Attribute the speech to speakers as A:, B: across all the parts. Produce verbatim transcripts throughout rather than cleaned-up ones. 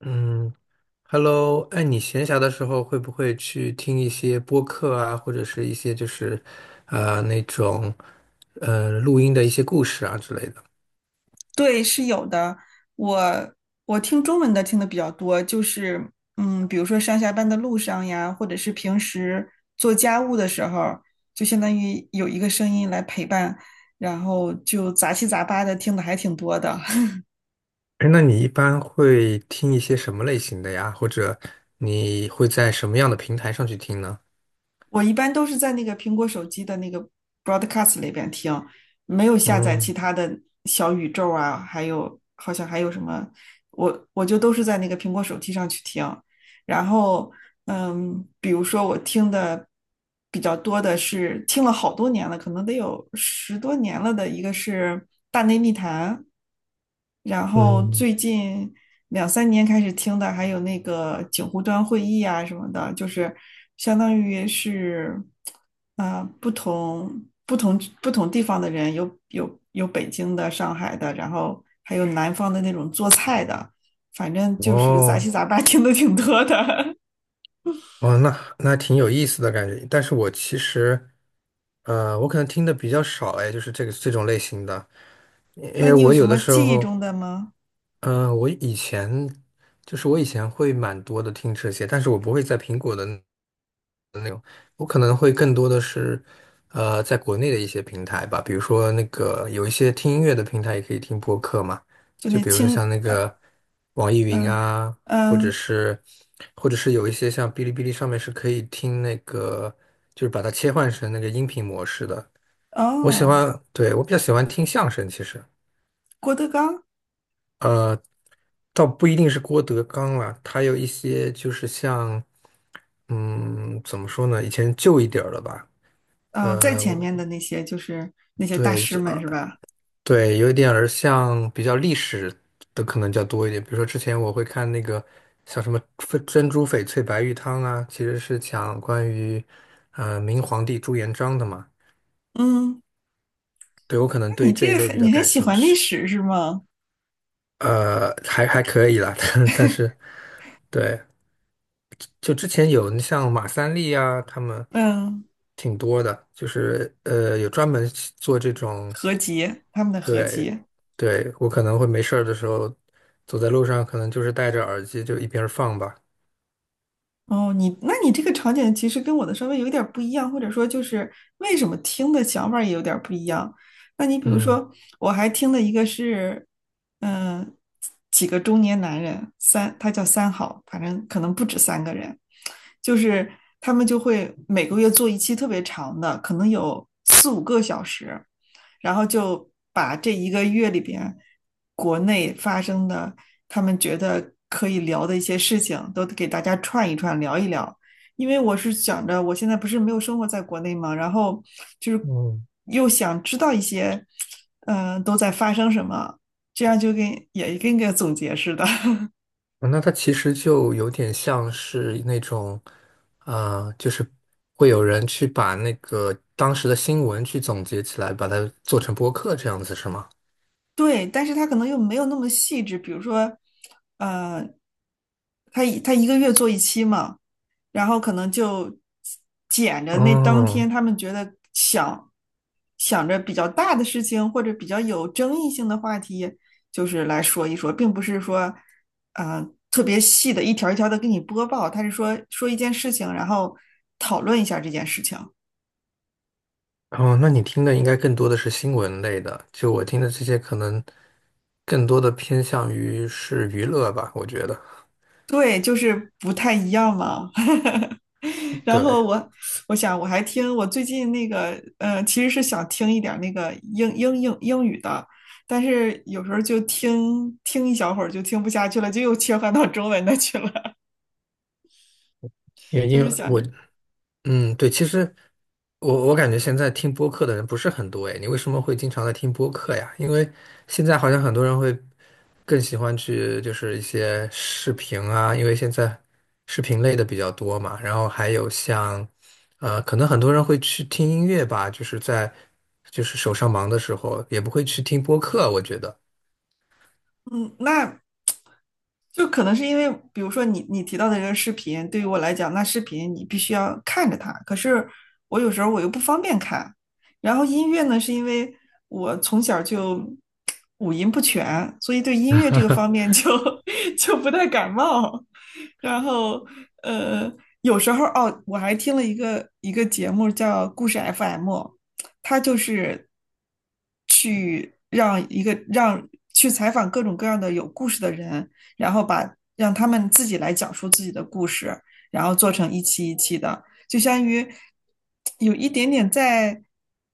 A: 嗯，Hello，哎，你闲暇的时候会不会去听一些播客啊，或者是一些就是呃那种呃录音的一些故事啊之类的？
B: 对，是有的。我我听中文的听的比较多，就是嗯，比如说上下班的路上呀，或者是平时做家务的时候，就相当于有一个声音来陪伴，然后就杂七杂八的听的还挺多的。
A: 哎，那你一般会听一些什么类型的呀？或者你会在什么样的平台上去听呢？
B: 我一般都是在那个苹果手机的那个 Broadcast 里边听，没有下载其
A: 嗯
B: 他的小宇宙啊，还有好像还有什么，我我就都是在那个苹果手机上去听。然后，嗯，比如说我听的比较多的是听了好多年了，可能得有十多年了的一个是《大内密谈》，然后
A: 嗯，
B: 最近两三年开始听的还有那个警湖端会议啊什么的，就是相当于是，啊、不同不同不同地方的人，有有有北京的、上海的，然后还有南方的那种做菜的。反正就是杂
A: 哦
B: 七杂八 听的挺多的。
A: 哦，那那挺有意思的感觉。但是我其实，呃，我可能听的比较少，哎，就是这个这种类型的，因
B: 那
A: 为
B: 你有
A: 我
B: 什
A: 有的
B: 么
A: 时
B: 记忆
A: 候。
B: 中的吗？
A: 嗯，我以前就是我以前会蛮多的听这些，但是我不会在苹果的那我可能会更多的是，呃，在国内的一些平台吧，比如说那个有一些听音乐的平台也可以听播客嘛，
B: 就
A: 就
B: 那
A: 比如说
B: 清，
A: 像那
B: 呃，
A: 个网易云
B: 嗯
A: 啊，或者
B: 嗯，
A: 是或者是有一些像哔哩哔哩上面是可以听那个，就是把它切换成那个音频模式的。我喜
B: 哦，
A: 欢，对，我比较喜欢听相声，其实。
B: 郭德纲，
A: 呃。倒不一定是郭德纲啦，他有一些就是像，嗯，怎么说呢？以前旧一点儿的吧，
B: 啊，呃在
A: 呃，
B: 前
A: 我
B: 面的那些就是那些大
A: 对，
B: 师
A: 就
B: 们
A: 呃，
B: 是吧？
A: 对，有一点儿像比较历史的可能较多一点。比如说之前我会看那个像什么翡珍珠翡翠白玉汤啊，其实是讲关于呃明皇帝朱元璋的嘛。
B: 嗯，
A: 对，我可
B: 那
A: 能
B: 你
A: 对这一
B: 这
A: 类比
B: 很，
A: 较
B: 你很
A: 感
B: 喜
A: 兴
B: 欢历
A: 趣，
B: 史是吗？
A: 呃，还还可以啦，但但是对。就之前有像马三立啊，他们
B: 嗯，
A: 挺多的，就是呃有专门做这种，
B: 合集，他们的合
A: 对，
B: 集。
A: 对，我可能会没事儿的时候走在路上，可能就是戴着耳机就一边儿放吧。
B: 哦，你那你这个场景其实跟我的稍微有点儿不一样，或者说就是为什么听的想法儿也有点儿不一样。那你比如
A: 嗯
B: 说，我还听了一个是，嗯、几个中年男人，三，他叫三好，反正可能不止三个人，就是他们就会每个月做一期特别长的，可能有四五个小时。然后就把这一个月里边国内发生的，他们觉得可以聊的一些事情，都给大家串一串，聊一聊。因为我是想着，我现在不是没有生活在国内嘛，然后就是
A: 嗯，
B: 又想知道一些，嗯、呃都在发生什么，这样就跟也跟个总结似的。
A: 啊那它其实就有点像是那种，啊、就是会有人去把那个当时的新闻去总结起来，把它做成播客这样子，是吗？
B: 对，但是他可能又没有那么细致，比如说，呃，他他一个月做一期嘛，然后可能就捡着那当
A: 哦，
B: 天他们觉得想想着比较大的事情或者比较有争议性的话题，就是来说一说，并不是说，呃，特别细的一条一条的给你播报，他是说说一件事情，然后讨论一下这件事情。
A: 哦，那你听的应该更多的是新闻类的，就我听的这些可能更多的偏向于是娱乐吧，我觉得。
B: 对，就是不太一样嘛。然后
A: 对，
B: 我我想我还听我最近那个呃，其实是想听一点儿那个英英英英语的，但是有时候就听听一小会儿就听不下去了，就又切换到中文的去了，
A: 因 为
B: 就
A: 因
B: 是
A: 为
B: 想
A: 我
B: 着
A: 嗯，对，其实我我感觉现在听播客的人不是很多诶，你为什么会经常在听播客呀？因为现在好像很多人会更喜欢去就是一些视频啊，因为现在视频类的比较多嘛，然后还有像呃，可能很多人会去听音乐吧，就是在就是手上忙的时候也不会去听播客，我觉得。
B: 嗯，那就可能是因为，比如说你你提到的这个视频，对于我来讲，那视频你必须要看着它，可是我有时候我又不方便看。然后音乐呢，是因为我从小就五音不全，所以对音乐这个方面就 就不太感冒。然后呃，有时候哦，我还听了一个一个节目叫故事 F M。他就是去让一个让去采访各种各样的有故事的人，然后把让他们自己来讲述自己的故事，然后做成一期一期的，就相当于有一点点在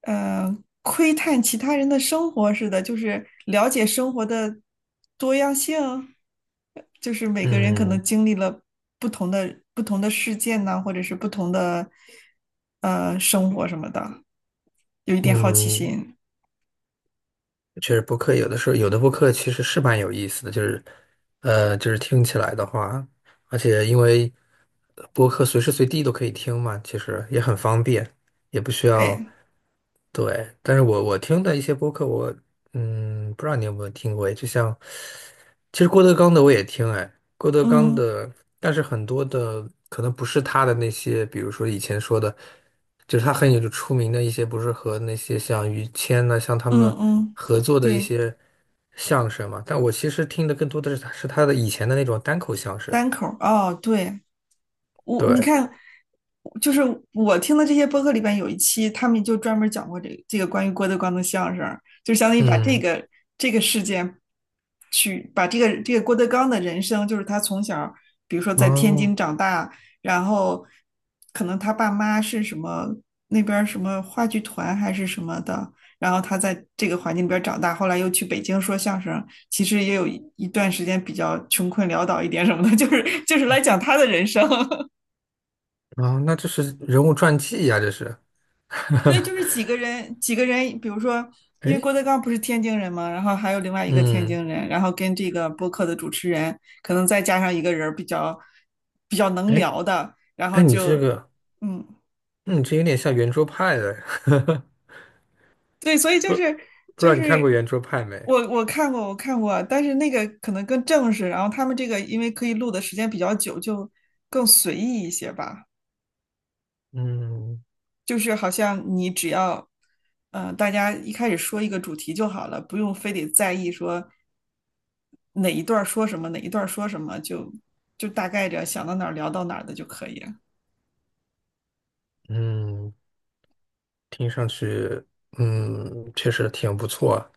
B: 呃窥探其他人的生活似的，就是了解生活的多样性，就是每个人可能
A: 嗯
B: 经历了不同的不同的事件呢，或者是不同的呃生活什么的。有一点好奇
A: 嗯，
B: 心。
A: 确实播客有的时候有的播客其实是蛮有意思的，就是呃，就是听起来的话，而且因为呃播客随时随地都可以听嘛，其实也很方便，也不需要。
B: 对，
A: 对，但是我我听的一些播客，我嗯，不知道你有没有听过，就像其实郭德纲的我也听，哎，郭德纲
B: 嗯
A: 的，但是很多的可能不是他的那些，比如说以前说的，就是他很有出名的一些，不是和那些像于谦呐、像他
B: 嗯
A: 们
B: 嗯，
A: 合作的一
B: 对，
A: 些相声嘛，但我其实听的更多的是他是他的以前的那种单口相声，
B: 单口儿哦，对，我你
A: 对，
B: 看，就是我听的这些播客里边有一期，他们就专门讲过这个这个关于郭德纲的相声，就相当于把这
A: 嗯，
B: 个这个事件去把这个这个郭德纲的人生，就是他从小，比如说在天
A: 哦，
B: 津长大，然后可能他爸妈是什么那边什么话剧团还是什么的，然后他在这个环境里边长大，后来又去北京说相声，其实也有一段时间比较穷困潦倒一点什么的，就是就是来讲他的人生。
A: 哦，那这是人物传记呀、这是。
B: 对，就是几个人，几个人，比如说，因为
A: 哎，
B: 郭德纲不是天津人嘛，然后还有另外一个天
A: 嗯，
B: 津人，然后跟这个播客的主持人，可能再加上一个人儿比较比较能
A: 哎，
B: 聊的，然
A: 哎，
B: 后
A: 你这
B: 就，
A: 个，
B: 嗯，
A: 嗯，你这有点像圆桌派的，
B: 对，所以就
A: 不
B: 是
A: 不知
B: 就
A: 道你看过
B: 是
A: 圆桌派没？
B: 我我看过我看过，但是那个可能更正式，然后他们这个因为可以录的时间比较久，就更随意一些吧。
A: 嗯
B: 就是好像你只要，嗯，大家一开始说一个主题就好了，不用非得在意说哪一段儿说什么，哪一段儿说什么，就就大概着想到哪儿聊到哪儿的就可以。了。
A: 嗯，听上去，嗯，确实挺不错啊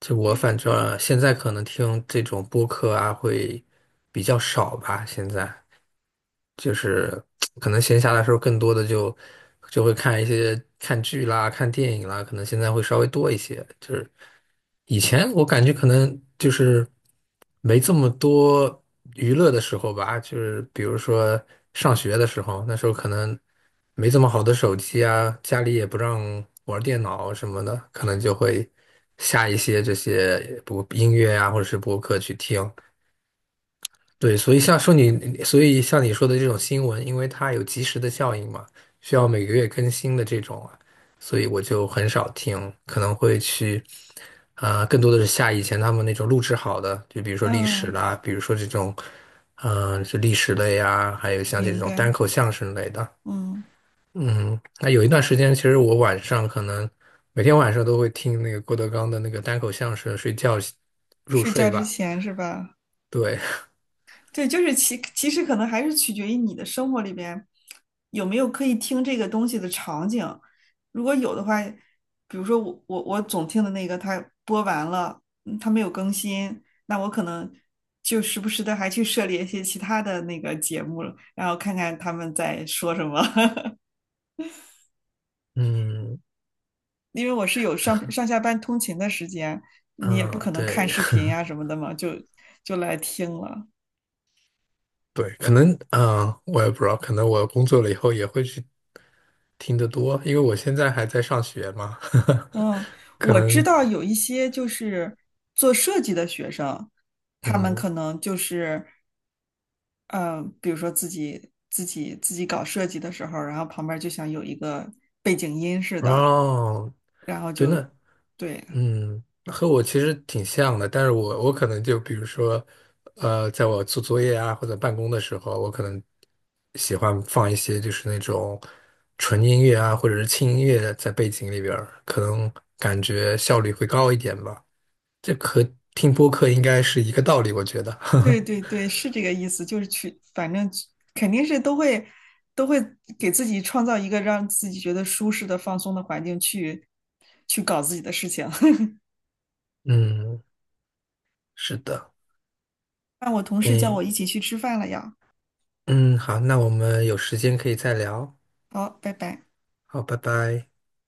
A: 就我反正现在可能听这种播客啊会比较少吧，现在就是可能闲暇的时候更多的就就会看一些看剧啦、看电影啦，可能现在会稍微多一些，就是。以前我感觉可能就是。没这么多娱乐的时候吧，就是比如说上学的时候，那时候可能没这么好的手机啊，家里也不让玩电脑什么的，可能就会下一些这些播音乐啊，或者是播客去听。对，所以像说你，所以像你说的这种新闻，因为它有及时的效应嘛，需要每个月更新的这种啊所以我就很少听，可能会去，啊、更多的是下以前他们那种录制好的，就比如说历史
B: 嗯，
A: 啦，比如说这种，嗯、是历史类呀，还有像这
B: 明
A: 种
B: 白。
A: 单口相声类的，
B: 嗯，
A: 嗯，那有一段时间，其实我晚上可能每天晚上都会听那个郭德纲的那个单口相声睡觉入
B: 睡觉
A: 睡
B: 之
A: 吧，
B: 前是吧？
A: 对，
B: 对，就是其其实可能还是取决于你的生活里边有没有可以听这个东西的场景。如果有的话，比如说我我我总听的那个，它播完了，嗯它没有更新，那我可能就时不时的还去涉猎一些其他的那个节目了然后看看他们在说什么。
A: 嗯
B: 因为我是有上上下班通勤的时间，你也不
A: 嗯，
B: 可能看
A: 对。
B: 视频呀、什么的嘛，就就来听了。
A: 对，可能啊、呃我也不知道，可能我工作了以后也会去听得多，因为我现在还在上学嘛，
B: 嗯，
A: 可
B: 我知
A: 能
B: 道有一些就是做设计的学生，他们
A: 嗯，
B: 可能就是，嗯，比如说自己自己自己搞设计的时候，然后旁边就想有一个背景音似的，
A: 哦，
B: 然后
A: 真
B: 就，
A: 的，
B: 对
A: 嗯，和我其实挺像的，但是我我可能就比如说，呃，在我做作业啊或者办公的时候，我可能喜欢放一些就是那种纯音乐啊或者是轻音乐在背景里边儿，可能感觉效率会高一点吧。这和听播客应该是一个道理，我觉得。
B: 对对对，是这个意思，就是去，反正肯定是都会都会给自己创造一个让自己觉得舒适的、放松的环境去去搞自己的事情。
A: 嗯，是的。
B: 那我同事叫
A: 诶，
B: 我一起去吃饭了呀，
A: 嗯，好，那我们有时间可以再聊。
B: 好，拜拜。
A: 好，拜拜。